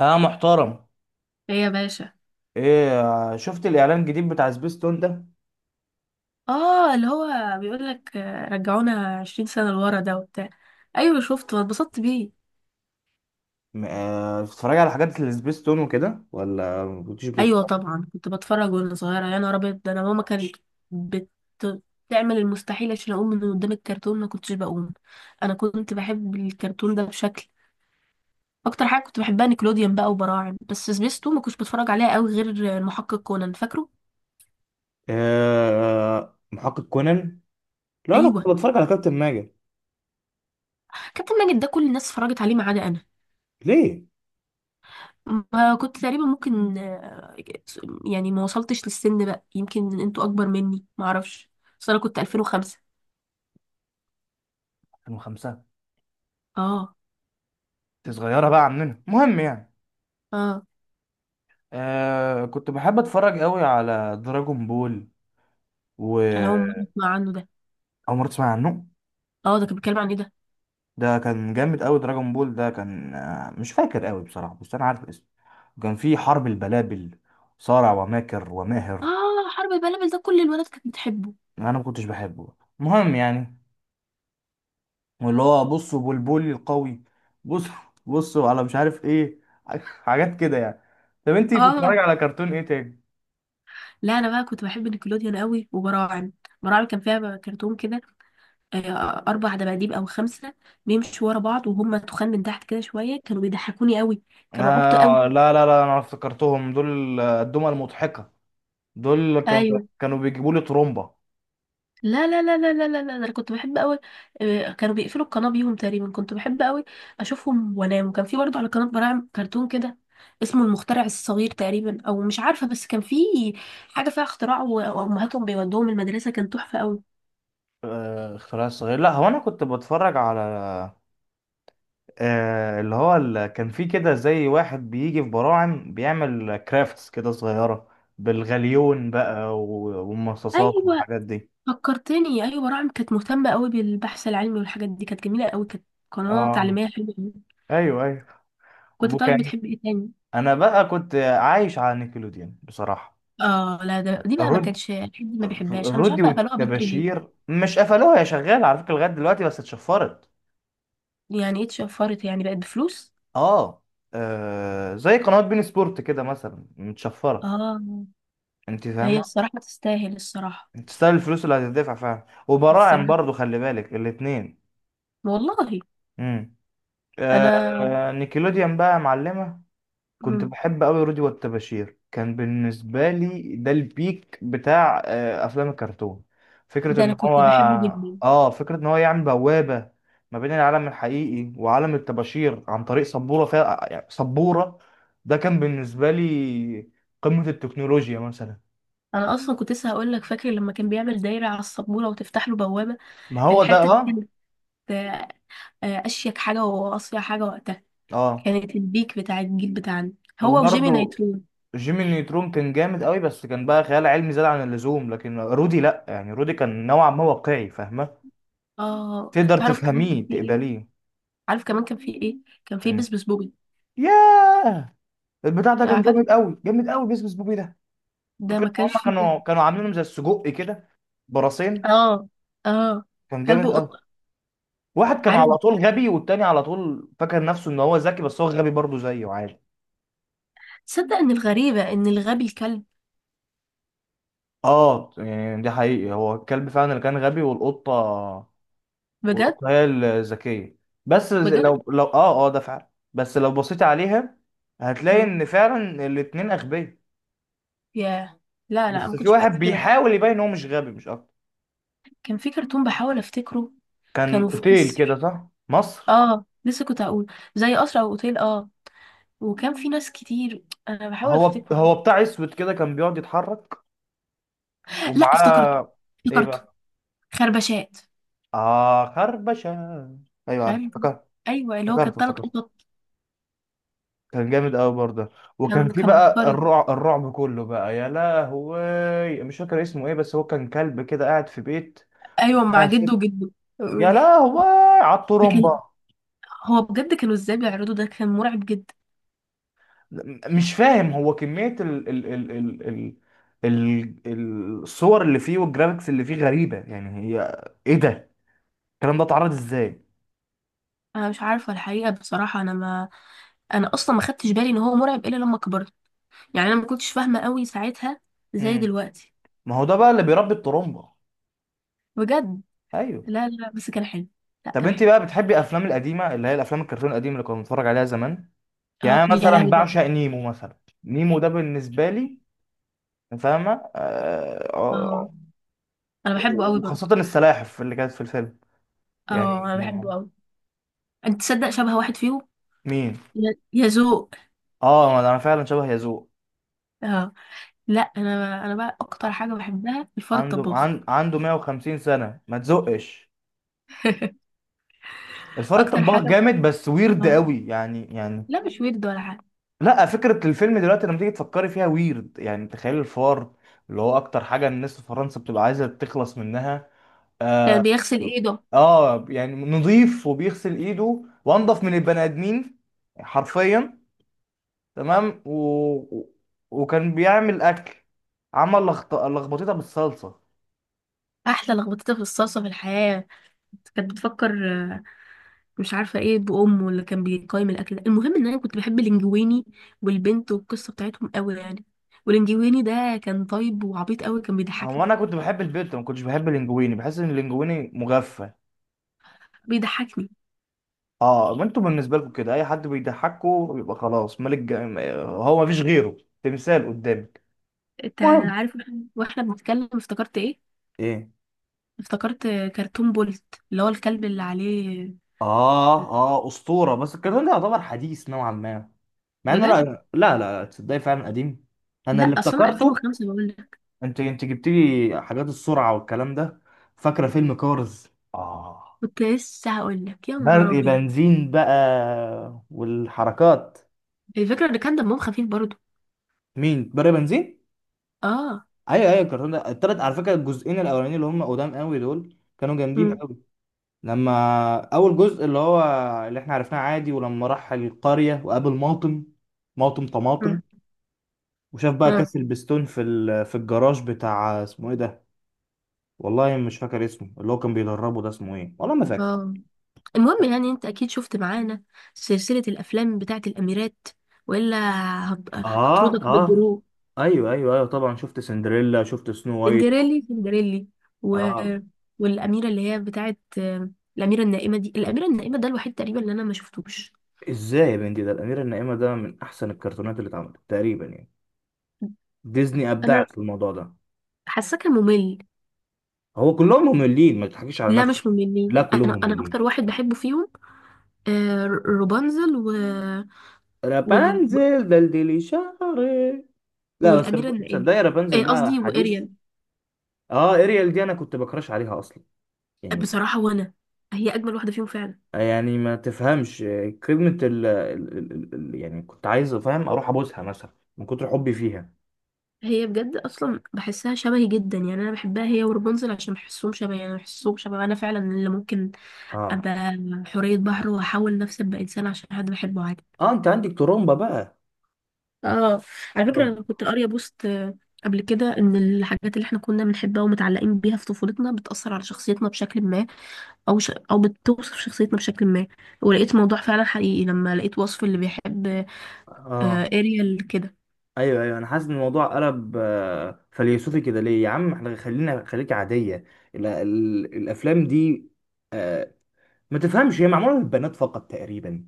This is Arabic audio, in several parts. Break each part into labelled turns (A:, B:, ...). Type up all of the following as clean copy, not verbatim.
A: اه، محترم.
B: ايه يا باشا.
A: ايه؟ شفت الاعلان الجديد بتاع سبيستون ده؟
B: اه، اللي هو بيقول لك رجعونا 20 سنة لورا ده وبتاع. ايوه شفته واتبسطت بيه.
A: بتتفرج على حاجات السبيستون وكده، ولا ما كنتش
B: ايوه
A: بتتفرج؟
B: طبعا كنت بتفرج وانا صغيرة، يا نهار ابيض ده، انا ماما كانت بت- بتعمل المستحيل عشان اقوم من قدام الكرتون، ما كنتش بقوم. انا كنت بحب الكرتون ده بشكل. اكتر حاجة كنت بحبها نيكلوديان بقى وبراعم، بس سبيستو ما كنتش بتفرج عليها قوي غير المحقق كونان، فاكره.
A: آه، محقق كونان. لا، انا كنت
B: ايوه،
A: بتفرج على كابتن ماجد.
B: كابتن ماجد ده كل الناس اتفرجت عليه ما عدا انا.
A: ليه؟
B: ما كنت تقريبا ممكن، يعني ما وصلتش للسن بقى، يمكن انتوا اكبر مني، ما اعرفش. بس انا كنت 2005.
A: 2005.
B: اه
A: انت صغيره بقى عننا، المهم يعني.
B: اه.
A: كنت بحب اتفرج قوي على دراجون بول و
B: انا اول مره اسمع عنه ده.
A: اول مره تسمع عنه؟
B: اه، ده كان بيتكلم عن ايه ده؟
A: ده كان جامد قوي، دراجون بول ده كان مش فاكر قوي بصراحه، بس انا عارف اسمه. كان فيه حرب البلابل، صارع وماكر وماهر.
B: اه، حرب البلبل ده كل الولاد كانت بتحبه.
A: انا ما كنتش بحبه، المهم يعني. واللي هو، بصوا بلبلي القوي. بص، بصوا على مش عارف ايه. حاجات كده يعني. طب انتي بتتفرج
B: اه
A: على كرتون ايه تاني؟
B: لا، انا بقى كنت بحب نيكلوديان قوي وبراعم. براعم كان فيها كرتون كده، آه، اربع دباديب او خمسه، بيمشوا ورا بعض وهم تخان من تحت كده شويه، كانوا بيضحكوني قوي، كانوا عبط قوي.
A: لا لا لا، انا افتكرتهم دول، الدمى المضحكة. دول كانوا
B: ايوه.
A: كانوا بيجيبوا لي ترومبا.
B: لا لا لا لا لا لا لا، ده انا كنت بحب قوي. كانوا بيقفلوا القناه بيهم تقريبا، كنت بحب قوي اشوفهم وانام. وكان في برضه على قناه براعم كرتون كده اسمه المخترع الصغير تقريبا، او مش عارفه، بس كان في حاجه فيها اختراع، وامهاتهم بيودوهم المدرسه، كان تحفه قوي.
A: اختراع الصغير، لا هو انا كنت بتفرج على اللي هو كان في كده زي واحد بيجي في براعم بيعمل كرافتس كده صغيرة، بالغليون بقى والمصاصات
B: ايوه
A: والحاجات دي.
B: فكرتني، ايوه براعم كانت مهتمه قوي بالبحث العلمي والحاجات دي، كانت جميله قوي، كانت قناه
A: اه،
B: تعليميه حلوه قوي.
A: ايوه ايوه.
B: كنت طيب،
A: وكان
B: بتحب ايه تاني؟
A: انا بقى كنت عايش على نيكلوديان بصراحه.
B: اه لا، ده دي بقى ما
A: رود
B: كانش حد ما بيحبهاش، انا مش
A: رودي
B: عارفه قفلوها بدري ليه.
A: والتباشير مش قفلوها، يا شغال على فكره لغايه دلوقتي، بس اتشفرت.
B: يعني ايه اتشفرت؟ يعني بقت بفلوس؟
A: اه. زي قنوات بين سبورت كده مثلا متشفره.
B: اه.
A: انت
B: هي
A: فاهمه؟
B: الصراحة تستاهل الصراحة.
A: انت تستاهل الفلوس اللي هتدفع فعلا، وبراعم
B: الصراحة
A: برضو خلي بالك الاتنين.
B: والله.
A: امم
B: انا.
A: نيكلوديان بقى معلمه. كنت
B: مم.
A: بحب قوي رودي والتباشير، كان بالنسبة لي ده البيك بتاع أفلام الكرتون. فكرة
B: ده انا
A: إن
B: كنت
A: هو
B: بحبه جدا.
A: فكرة إن هو يعمل بوابة ما بين العالم الحقيقي وعالم الطباشير عن طريق سبورة فيها، يعني سبورة. ده كان بالنسبة لي قمة التكنولوجيا مثلا.
B: انا اصلا كنت لسه هقول لك، فاكر لما كان بيعمل دايرة على السبورة وتفتح له بوابة؟
A: ما هو ده،
B: الحتة دي
A: آه.
B: كانت آه، اشيك حاجة واصيع حاجة وقتها.
A: آه
B: كانت البيك بتاع الجيل بتاعنا، هو وجيمي
A: وبرضه
B: نيترون.
A: جيمي نيوترون كان جامد قوي، بس كان بقى خيال علمي زاد عن اللزوم، لكن رودي لأ، يعني رودي كان نوعا ما واقعي، فاهمة؟
B: اه،
A: تقدر
B: تعرف كمان كان
A: تفهميه
B: في ايه؟
A: تقبليه.
B: عارف كمان كان في ايه؟ كان في
A: كان
B: بسبس بوبي.
A: ياه! البتاع ده كان
B: يعني فاكر؟
A: جامد قوي، جامد قوي، بيس بيس بوبي ده.
B: ده
A: فكرة
B: ما
A: ان
B: كانش
A: هم
B: فيه ده؟
A: كانوا عاملينهم زي السجق كده، براسين.
B: اه اه،
A: كان
B: كلب
A: جامد قوي.
B: وقطة.
A: واحد كان
B: عارف،
A: على طول غبي، والتاني على طول فاكر نفسه ان هو ذكي، بس هو غبي برضه زيه عادي.
B: تصدق ان الغريبة ان الغبي الكلب.
A: اه، يعني ده حقيقي، هو الكلب فعلا اللي كان غبي، والقطة.
B: بجد؟
A: والقطة هي الذكية. بس
B: بجد؟
A: لو ده فعلا، بس لو بصيت عليها هتلاقي
B: مم.
A: ان فعلا الاتنين اغبياء.
B: ياه. لا لا، ما
A: بس في
B: كنتش
A: واحد
B: بشوف كده.
A: بيحاول يبين ان هو مش غبي، مش اكتر.
B: كان في كرتون بحاول افتكره،
A: كان
B: كانوا في
A: اوتيل كده،
B: مصر.
A: صح؟ مصر.
B: اه لسه كنت هقول، زي قصر او اوتيل، اه. وكان في ناس كتير، انا بحاول
A: هو
B: افتكره كده.
A: هو بتاع اسود كده كان بيقعد يتحرك،
B: لا افتكرته،
A: ومعاه ايه
B: افتكرته.
A: بقى؟
B: خربشات.
A: اه، خربشه. ايوه، عارف،
B: خرب
A: افتكرت،
B: ايوه، اللي هو كان
A: افتكرت،
B: ثلاث
A: افتكرت.
B: قطط.
A: كان جامد قوي برضه. وكان
B: كان
A: في
B: كان
A: بقى
B: عبقري.
A: الرعب، الرعب كله بقى، يا لهوي، مش فاكر اسمه ايه، بس هو كان كلب كده قاعد في بيت،
B: ايوه، مع
A: معاه
B: جده
A: ست.
B: وجده.
A: يا لهوي، على
B: ده
A: الطرمبه.
B: كان، هو بجد كانوا ازاي بيعرضوا ده؟ كان مرعب جدا.
A: مش فاهم، هو كميه الصور اللي فيه والجرافيكس اللي فيه غريبه، يعني هي ايه ده؟ الكلام ده اتعرض ازاي؟
B: انا مش عارفه الحقيقه بصراحه، انا اصلا ما خدتش بالي ان هو مرعب الا لما كبرت. يعني انا ما كنتش فاهمه قوي ساعتها زي
A: امم
B: دلوقتي.
A: ما هو ده بقى اللي بيربي الطرمبة.
B: بجد؟
A: ايوه.
B: لا لا، بس كان حلو. لا
A: طب
B: كان
A: انت
B: حلو.
A: بقى بتحبي الافلام القديمه، اللي هي الافلام الكرتون القديمه اللي كنا بنتفرج عليها زمان؟ يعني
B: اه
A: انا
B: يا
A: مثلا
B: لهوي ده.
A: بعشق نيمو مثلا. نيمو ده بالنسبه لي، فاهمه؟
B: اه انا بحبه قوي برضه.
A: وخاصه السلاحف اللي كانت في الفيلم،
B: اه
A: يعني.
B: انا بحبه قوي. انت تصدق شبه واحد فيهم،
A: مين؟
B: يا ذوق.
A: اه، انا فعلا شبه يزوق.
B: اه لا، انا بقى اكتر حاجه بحبها الفار الطباخ.
A: عنده 150 سنه، ما تزقش. الفار
B: اكتر
A: الطباخ
B: حاجه.
A: جامد، بس ويرد
B: اه.
A: قوي، يعني.
B: لا مش ويرد ولا حاجه.
A: لا، فكرة الفيلم دلوقتي لما تيجي تفكري فيها ويرد، يعني تخيل الفار اللي هو أكتر حاجة الناس في فرنسا بتبقى عايزة تخلص منها.
B: كان
A: آه,
B: بيغسل ايده.
A: يعني نظيف وبيغسل إيده وأنضف من البني آدمين، حرفيا. تمام و- وكان بيعمل أكل، عمل لخبطتها بالصلصة.
B: احلى لخبطتها في الصلصه في الحياه، كانت بتفكر. مش عارفه ايه بامه اللي كان بيقيم الاكل ده، المهم ان انا كنت بحب الانجويني والبنت والقصه بتاعتهم قوي يعني. والانجويني ده كان طيب وعبيط قوي، كان
A: هو
B: بيضحكني.
A: أنا كنت بحب البيت، ما كنتش بحب اللينجويني، بحس إن اللينجويني مغفى.
B: بيضحكني.
A: اه، ما انتوا بالنسبه لكم كده اي حد بيضحكوا بيبقى خلاص ملك، هو مفيش غيره، تمثال قدامك.
B: انت
A: المهم.
B: عارف، واحنا بنتكلم افتكرت ايه.
A: ايه؟
B: افتكرت كرتون بولت، اللي هو الكلب اللي عليه.
A: اه، اه، اسطوره، بس الكرتون ده يعتبر حديث نوعا ما، مع انه
B: بجد؟
A: لا لا لا لا، تصدقي فعلا قديم. انا
B: لا
A: اللي
B: اصلا أنا
A: افتكرته.
B: 2005 بقول لك.
A: انت جبت لي حاجات السرعه والكلام ده. فاكره فيلم كارز؟ اه.
B: كنت لسه هقول لك، يا نهار
A: برق
B: ابيض.
A: بنزين بقى، والحركات.
B: الفكره ان كان دمهم خفيف برضو.
A: مين برق بنزين؟
B: اه.
A: ايوه، ايوه. الكرتون ده التلات، على فكره الجزئين الاولانيين اللي هم قدام قوي دول كانوا جامدين. لما اول جزء اللي هو اللي احنا عرفناه عادي، ولما راح القرية وقابل ماطم، ماطم طماطم، وشاف بقى
B: امم
A: كاس البستون في في الجراج بتاع اسمه ايه ده. والله مش فاكر اسمه، اللي هو كان بيدربه ده اسمه ايه، والله ما فاكر.
B: اه، المهم يعني، انت اكيد شفت معانا سلسلة الافلام بتاعت الاميرات، والا
A: اه.
B: هطردك
A: اه،
B: بالجروح.
A: ايوه ايوه ايوه، طبعا شفت سندريلا، شفت سنو وايت.
B: سندريلي سندريلي، و...
A: اه.
B: والاميرة اللي هي بتاعت الاميرة النائمة دي. الاميرة النائمة ده الوحيد تقريبا اللي انا ما شفتوش.
A: ازاي يا بنتي؟ ده الاميره النائمه، ده من احسن الكرتونات اللي اتعملت تقريبا، يعني. ديزني
B: انا
A: ابدعت في الموضوع ده.
B: حاساه كان ممل.
A: هو كلهم مملين، ما تضحكيش على
B: لا
A: نفسك.
B: مش مملين،
A: لا، كلهم
B: انا
A: مملين.
B: اكتر واحد بحبه فيهم روبانزل وال...
A: رابنزل، دلدلي شعري. لا بس
B: والاميرة النائمة،
A: تصدقي رابنزل ده
B: قصدي
A: حديث.
B: واريال.
A: اه، اريال دي انا كنت بكراش عليها اصلا، يعني.
B: بصراحة وانا، هي اجمل واحدة فيهم فعلا.
A: يعني ما تفهمش، كلمة يعني كنت عايز، فاهم، اروح ابوسها مثلا من كتر حبي فيها.
B: هي بجد اصلا بحسها شبهي جدا، يعني انا بحبها هي ورابنزل عشان بحسهم شبهي، انا فعلا اللي ممكن
A: اه.
B: ابقى حورية بحر واحاول نفسي ابقى انسان عشان حد بحبه عادي.
A: اه، انت عندك ترومبا بقى.
B: اه. على فكرة
A: رب...
B: انا كنت قارية بوست قبل كده ان الحاجات اللي احنا كنا بنحبها ومتعلقين بيها في طفولتنا بتأثر على شخصيتنا بشكل ما، او بتوصف شخصيتنا بشكل ما. ولقيت موضوع فعلا حقيقي لما لقيت وصف اللي بيحب
A: اه.
B: اريال كده.
A: ايوه، ايوه، انا حاسس ان الموضوع قلب فيلسوفي كده ليه يا عم، احنا خليك عادية. الافلام دي، ما تفهمش، هي معمولة للبنات فقط تقريبا.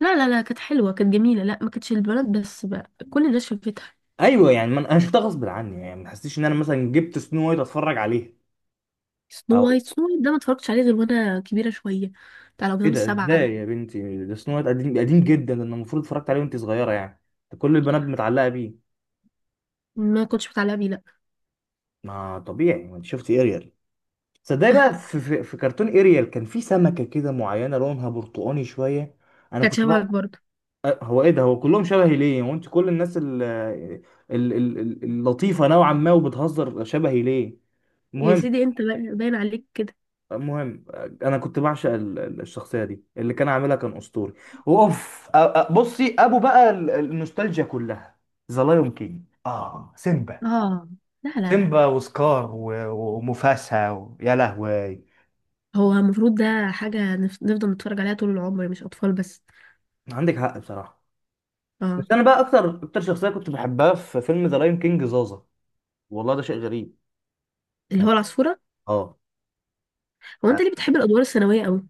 B: لا لا لا، كانت حلوة، كانت جميلة، لا ما كانتش البنات بس بقى، كل الناس شافتها.
A: ايوه يعني، ما انا شفتها غصب عني، يعني ما تحسيش ان انا مثلا جبت سنو وايت اتفرج عليها.
B: سنو وايت.
A: او
B: سنو وايت ده ما اتفرجتش عليه غير وانا كبيرة شوية، بتاع
A: ايه
B: الأقزام
A: ده،
B: السبعة ده.
A: ازاي يا بنتي، ده سنو وايت قديم قديم جدا، ده أنا المفروض اتفرجت عليه وانت صغيره، يعني. ده كل البنات متعلقه بيه.
B: ما كنتش متعلقة بيه، لا.
A: ما طبيعي، ما انت شفتي اريال. صدقني بقى، في كرتون اريال كان في سمكه كده معينه لونها برتقاني شويه. انا
B: كانت
A: كنت
B: شبهك
A: بقى،
B: برضه.
A: هو ايه ده؟ هو كلهم شبهي ليه؟ هو انت كل الناس اللطيفه نوعا ما وبتهزر شبهي ليه؟
B: يا
A: المهم.
B: سيدي، انت باين عليك كده.
A: المهم، انا كنت بعشق الشخصيه دي، اللي كان عاملها كان اسطوري. واوف، بصي، ابو بقى النوستالجيا كلها. ذا لايون كينج، اه، سيمبا.
B: اه لا لا لا.
A: سيمبا وسكار ومفاسا يا لهوي.
B: هو المفروض ده حاجة نفضل نتفرج عليها طول العمر، مش أطفال بس.
A: عندك حق بصراحه. بس
B: اه،
A: انا بقى اكتر اكتر شخصيه كنت بحبها في فيلم ذا لايون كينج، زازا. والله، ده شيء غريب،
B: اللي هو
A: يعني.
B: العصفورة.
A: اه.
B: هو انت ليه بتحب الأدوار الثانوية قوي؟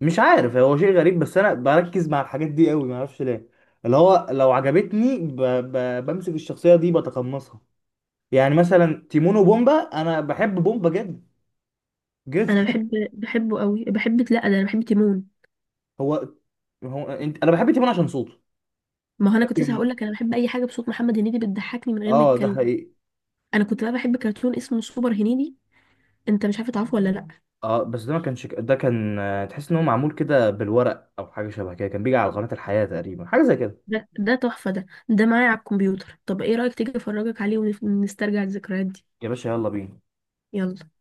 A: مش عارف، هو شيء غريب بس انا بركز مع الحاجات دي قوي، ما اعرفش ليه. اللي هو لو عجبتني، بمسك الشخصيه دي، بتقمصها. يعني مثلا تيمون وبومبا، انا بحب بومبا جدا، جدا.
B: انا بحب بحبه قوي بحب لا ده انا بحب تيمون.
A: هو هو انت، انا بحب تيمون عشان صوته،
B: ما هو انا كنت لسه
A: لكن.
B: هقول لك، انا بحب اي حاجة بصوت محمد هنيدي، بتضحكني من غير ما
A: اه، ده
B: يتكلم.
A: حقيقي.
B: انا كنت بقى بحب كرتون اسمه سوبر هنيدي، انت مش عارفه تعرفه ولا لا؟
A: اه، بس ده ما كانش ده كان تحس ان هو معمول كده بالورق او حاجه شبه كده، كان بيجي على قناه الحياه تقريبا، حاجه زي كده.
B: ده تحفة، ده معايا على الكمبيوتر، طب ايه رأيك تيجي افرجك عليه ونسترجع الذكريات دي؟
A: يا باشا، يلا بينا.
B: يلا.